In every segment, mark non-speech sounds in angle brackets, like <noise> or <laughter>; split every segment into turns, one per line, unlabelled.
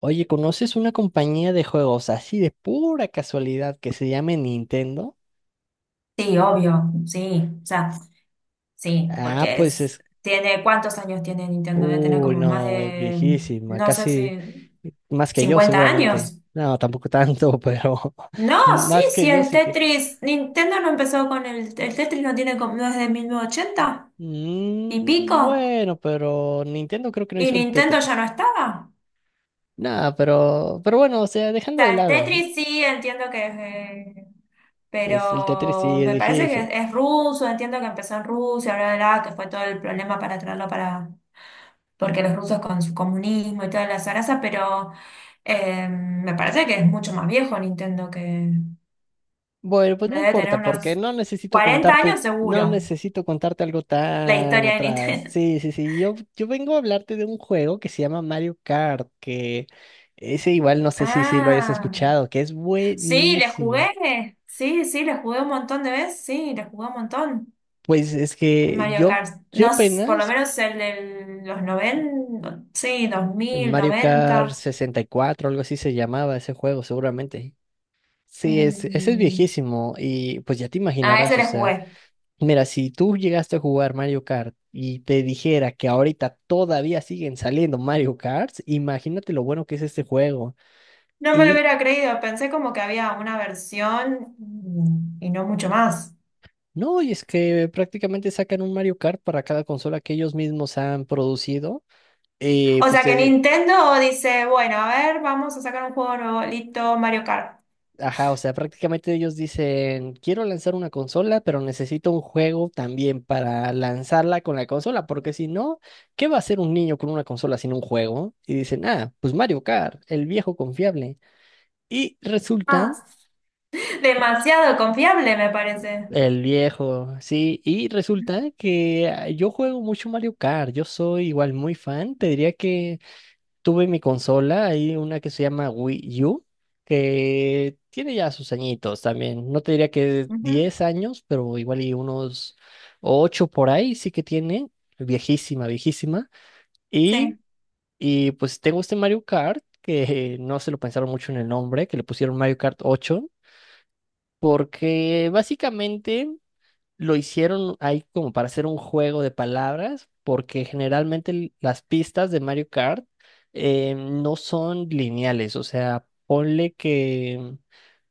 Oye, ¿conoces una compañía de juegos así de pura casualidad que se llame Nintendo?
Sí, obvio, sí, o sea, sí,
Ah,
porque
pues
es,
es,
tiene, ¿cuántos años tiene Nintendo? Debe tener
uy,
como más
no,
de,
viejísima,
no sé
casi
si,
más que yo
50
seguramente.
años.
No, tampoco tanto, <laughs> pero
No, sí,
más
sí,
que yo
el
sí tiene.
Tetris, Nintendo no empezó con el Tetris, no tiene como, no es de 1980 y
Mm,
pico,
bueno, pero Nintendo creo que no
y
hizo el
Nintendo ya
Tetris.
no estaba.
Nada, pero bueno, o sea,
O
dejando de
sea, el
lado,
Tetris sí, entiendo que,
es el Tetris
pero
sí es
me parece que
viejísimo.
es ruso, entiendo que empezó en Rusia, bla, bla, bla, que fue todo el problema para traerlo, para porque los rusos con su comunismo y toda la zaraza, pero me parece que es mucho más viejo Nintendo, que
Bueno, pues
me
no
debe tener
importa, porque
unos
no necesito
40
contarte,
años
no
seguro,
necesito contarte algo
la
tan
historia de
atrás.
Nintendo.
Sí,
<laughs>
sí, sí. Yo vengo a hablarte de un juego que se llama Mario Kart, que ese igual no sé si, si lo hayas
Ah,
escuchado, que es
sí, le
buenísimo.
jugué, sí, sí, le jugué un montón de veces, sí, le jugué un montón.
Pues es
El
que
Mario
yo,
Kart,
yo
no, por lo
apenas,
menos el de los 90 sí, 2000,
Mario Kart
90.
64, algo así se llamaba ese juego, seguramente. Sí, es, ese es
mm,
viejísimo y pues ya te
A ese
imaginarás, o
le
sea.
jugué.
Mira, si tú llegaste a jugar Mario Kart y te dijera que ahorita todavía siguen saliendo Mario Karts, imagínate lo bueno que es este juego.
No me lo
Y
hubiera creído, pensé como que había una versión, y no mucho más.
no, y es que prácticamente sacan un Mario Kart para cada consola que ellos mismos han producido.
O
Pues
sea que
te digo,
Nintendo dice, bueno, a ver, vamos a sacar un juego nuevo, listo, Mario Kart.
ajá, o sea, prácticamente ellos dicen, quiero lanzar una consola, pero necesito un juego también para lanzarla con la consola, porque si no, ¿qué va a hacer un niño con una consola sin un juego? Y dicen, ah, pues Mario Kart, el viejo confiable. Y resulta,
Ah, demasiado confiable me parece.
el viejo, sí, y resulta que ah, yo juego mucho Mario Kart, yo soy igual muy fan, te diría que tuve mi consola, hay una que se llama Wii U, que tiene ya sus añitos también, no te diría que
Ujú,
10 años, pero igual y unos 8 por ahí sí que tiene, viejísima, viejísima, y,
sí,
y pues tengo este Mario Kart, que <laughs> no se lo pensaron mucho en el nombre, que le pusieron Mario Kart ocho porque básicamente... lo hicieron ahí como para hacer un juego de palabras, porque generalmente las pistas de Mario Kart no son lineales, o sea, ponle que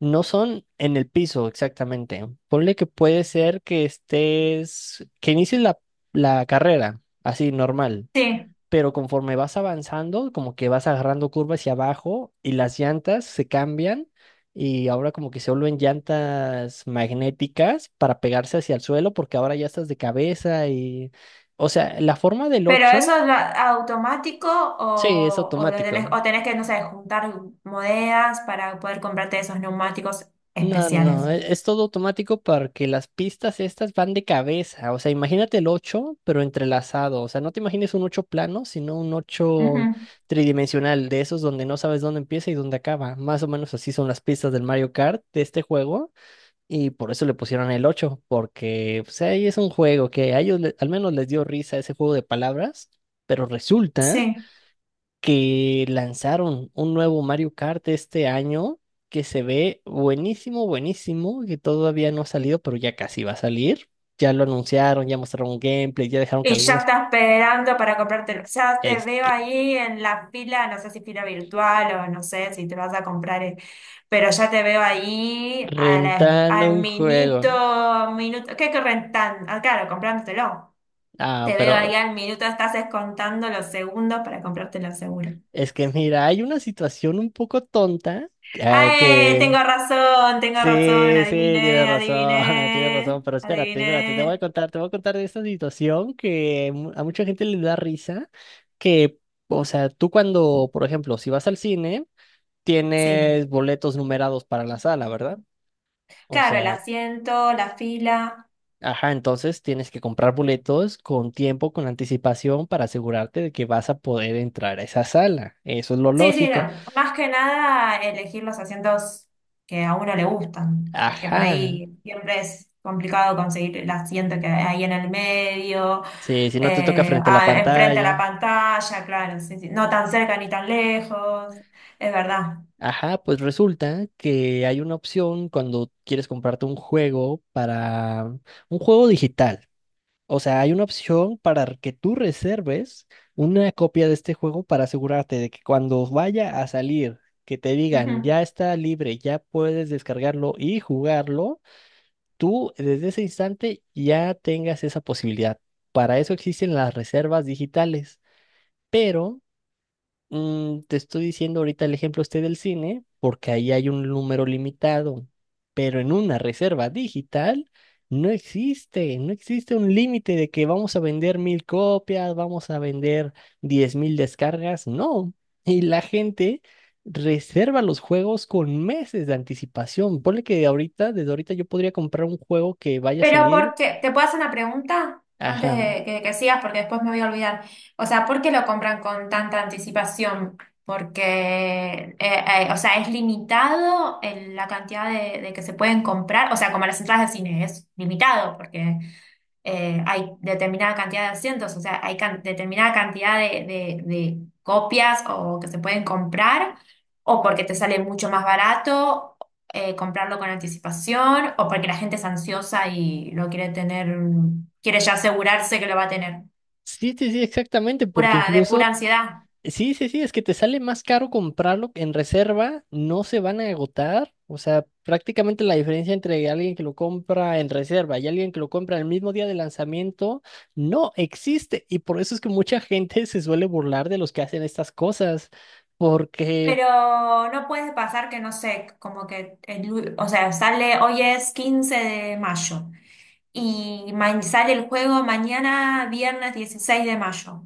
no son en el piso exactamente, ponle que puede ser que estés, que inicies la, la carrera, así normal
sí.
pero conforme vas avanzando, como que vas agarrando curva hacia abajo y las llantas se cambian y ahora como que se vuelven llantas magnéticas para pegarse hacia el suelo porque ahora ya estás de cabeza y, o sea, la forma del
Pero
8
eso es automático,
sí, es
o lo tenés,
automático.
o tenés que, no sé, juntar monedas para poder comprarte esos neumáticos
No, no,
especiales.
e- es, todo automático porque las pistas estas van de cabeza. O sea, imagínate el 8 pero entrelazado. O sea, no te imagines un 8 plano, sino un ocho
Ujú,
tridimensional, de esos donde no sabes dónde empieza y dónde acaba. Más o menos así son las pistas del Mario Kart de este juego. Y por eso le pusieron el 8 porque pues, ahí es un juego que a ellos al menos les dio risa ese juego de palabras. Pero resulta
sí.
que lanzaron un nuevo Mario Kart este año que se ve buenísimo, buenísimo, que todavía no ha salido, pero ya casi va a salir. Ya lo anunciaron, ya mostraron un gameplay, ya dejaron que
Y ya
algunos...
está esperando para comprártelo. Ya te
Es
veo
que
ahí en la fila, no sé si fila virtual o no sé si te vas a comprar, pero ya te veo ahí a
rentando
al
un juego.
minuto, minuto, ¿qué corren tan? Ah, claro, comprándotelo.
Ah,
Te veo
pero
ahí al minuto, estás descontando los segundos para comprártelo seguro.
es que mira, hay una situación un poco tonta ah,
¡Ay!
que
Tengo razón,
Sí, sí, tienes
adiviné,
razón, <laughs> tienes razón,
adiviné,
pero espérate, espérate, te voy a
adiviné.
contar, te voy a contar de esta situación que a mucha gente le da risa, que, o sea, tú cuando, por ejemplo, si vas al cine,
Sí,
tienes boletos numerados para la sala, ¿verdad? O
claro, el
sea,
asiento, la fila.
ajá, entonces tienes que comprar boletos con tiempo, con anticipación, para asegurarte de que vas a poder entrar a esa sala. Eso es lo
Sí, sí,
lógico.
no. Más que nada elegir los asientos que a uno le gustan, porque por
Ajá,
ahí siempre es complicado conseguir el asiento que hay en el medio,
sí, si no te toca frente a la
enfrente a la
pantalla.
pantalla, claro, sí, sí. No tan cerca ni tan lejos, es verdad.
Ajá, pues resulta que hay una opción cuando quieres comprarte un juego para un juego digital. O sea, hay una opción para que tú reserves una copia de este juego para asegurarte de que cuando vaya a salir, que te digan
Ujú.
ya está libre, ya puedes descargarlo y jugarlo, tú desde ese instante ya tengas esa posibilidad. Para eso existen las reservas digitales. Pero Mm, te estoy diciendo ahorita el ejemplo este del cine, porque ahí hay un número limitado, pero en una reserva digital no existe, no existe un límite de que vamos a vender mil copias, vamos a vender diez mil descargas, no. Y la gente reserva los juegos con meses de anticipación. Ponle que ahorita, desde ahorita yo podría comprar un juego que vaya a
Pero
salir,
porque, ¿te puedo hacer una pregunta antes
ajá.
de que sigas? Porque después me voy a olvidar. O sea, ¿por qué lo compran con tanta anticipación? Porque, o sea, ¿es limitado la cantidad de que se pueden comprar? O sea, como las entradas de cine, es limitado porque hay determinada cantidad de asientos, o sea, hay determinada cantidad de copias o que se pueden comprar, o porque te sale mucho más barato, comprarlo con anticipación, o porque la gente es ansiosa y lo quiere tener, quiere ya asegurarse que lo va a tener.
Sí, sí, sí, exactamente, porque
Pura, de pura
incluso
ansiedad.
sí, sí, sí, es que te sale más caro comprarlo en reserva, no se van a agotar, o sea, prácticamente la diferencia entre alguien que lo compra en reserva y alguien que lo compra el mismo día de lanzamiento no existe y por eso es que mucha gente <laughs> se suele burlar de los que hacen estas cosas, porque
Pero no puede pasar que, no sé, como que, o sea, sale, hoy es 15 de mayo y sale el juego mañana, viernes 16 de mayo.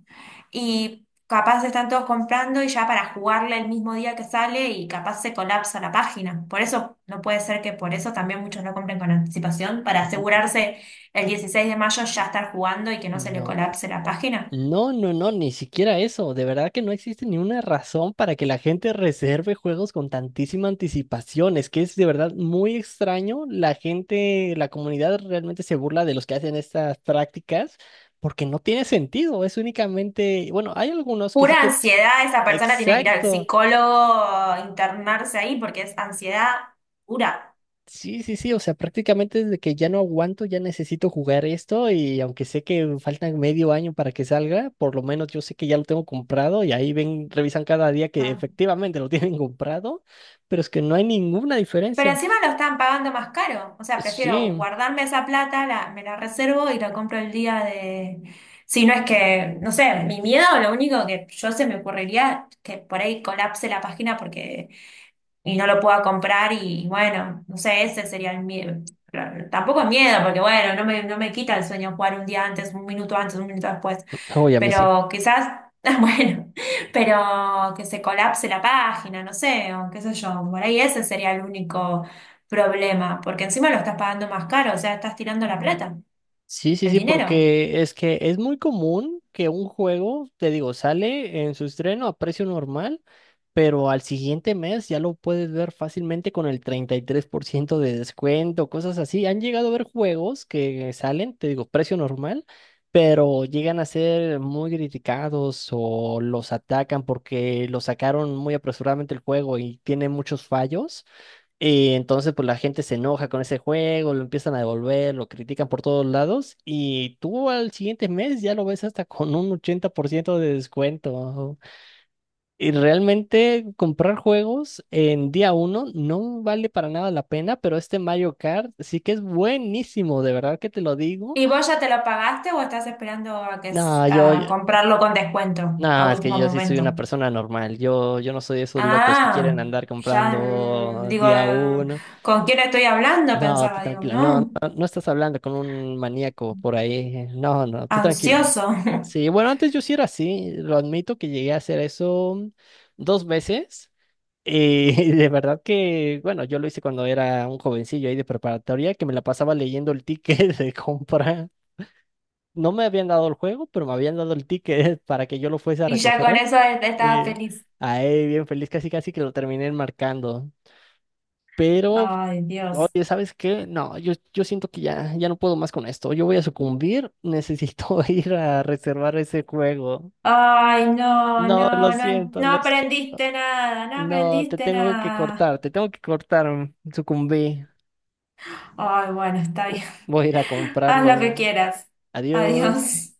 Y capaz están todos comprando y ya para jugarle el mismo día que sale y capaz se colapsa la página. Por eso no puede ser, que por eso también muchos no compren con anticipación, para asegurarse el 16 de mayo ya estar jugando y que no se le
no,
colapse la página.
no, no, no, ni siquiera eso. De verdad que no existe ni una razón para que la gente reserve juegos con tantísima anticipación. Es que es de verdad muy extraño. La gente, la comunidad realmente se burla de los que hacen estas prácticas porque no tiene sentido. Es únicamente, bueno, hay algunos que sí
Pura
que,
ansiedad, esa persona tiene que ir al
exacto.
psicólogo, internarse ahí porque es ansiedad pura.
Sí, sí, sí, o sea, prácticamente desde que ya no aguanto, ya necesito jugar esto y aunque sé que faltan medio año para que salga, por lo menos yo sé que ya lo tengo comprado y ahí ven, revisan cada día que
Ah.
efectivamente lo <laughs> tienen comprado, pero es que no hay ninguna
Pero
diferencia.
encima lo están pagando más caro. O sea, prefiero
Sí,
guardarme esa plata, me la reservo y la compro el día de... Si no es que, no sé, mi miedo, lo único que yo se me ocurriría, que por ahí colapse la página porque y no lo pueda comprar y bueno, no sé, ese sería el miedo. Pero tampoco es miedo, porque bueno, no me quita el sueño jugar un día antes, un minuto después,
oye, a mí sí.
pero quizás, <laughs> bueno, pero que se colapse la página, no sé, o qué sé yo, por ahí ese sería el único problema, porque encima lo estás pagando más caro, o sea, estás tirando la plata,
Sí, sí,
el
sí,
dinero.
porque es que es muy común que un juego, te digo, sale en su estreno a precio normal, pero al siguiente mes ya lo puedes ver fácilmente con el 33% de descuento, cosas así. Han llegado a ver juegos que salen, te digo, precio normal, pero llegan a ser muy criticados o los atacan porque lo sacaron muy apresuradamente el juego y tiene muchos fallos. Y entonces, pues la gente se enoja con ese juego, lo empiezan a devolver, lo critican por todos lados. Y tú al siguiente mes ya lo ves hasta con un 80% de descuento. Y realmente comprar juegos en día uno no vale para nada la pena, pero este Mario Kart sí que es buenísimo, de verdad que te lo digo.
¿Y vos ya te lo pagaste o estás esperando a que
No, yo,
a
yo-
comprarlo con descuento a
no, es que
último
yo sí soy
momento?
una persona normal. Yo no soy de esos locos que quieren
Ah,
andar
ya,
comprando
digo,
día uno.
¿con quién estoy hablando?
No, tú
Pensaba, digo,
tranquila, no,
no,
no, no estás hablando con un maníaco por ahí. No, no, tú tranquila.
ansioso. <laughs>
Sí, bueno, antes yo sí era así, lo admito que llegué a hacer eso dos veces. Y <laughs> de verdad que, bueno, yo lo hice cuando era un jovencillo ahí de preparatoria, que me la pasaba leyendo el ticket <laughs> de compra. No me habían dado el juego, pero me habían dado el ticket <laughs> para que yo lo fuese a
Y ya con
recoger.
eso estaba
Eh,
feliz.
ahí, bien feliz, casi casi que lo terminé marcando. Pero
Ay, Dios.
oye, ¿sabes qué? No, yo siento que ya, ya no puedo más con esto. Yo voy a sucumbir. Necesito <laughs> ir a reservar ese juego.
Ay, no,
No, lo
no, no,
siento,
no
lo siento.
aprendiste nada, no
No, te
aprendiste
tengo que
nada.
cortar, te tengo que cortar. Sucumbí.
Ay, bueno, está bien.
Voy a ir a
<laughs> Haz lo que
comprarlo.
quieras.
Adiós.
Adiós.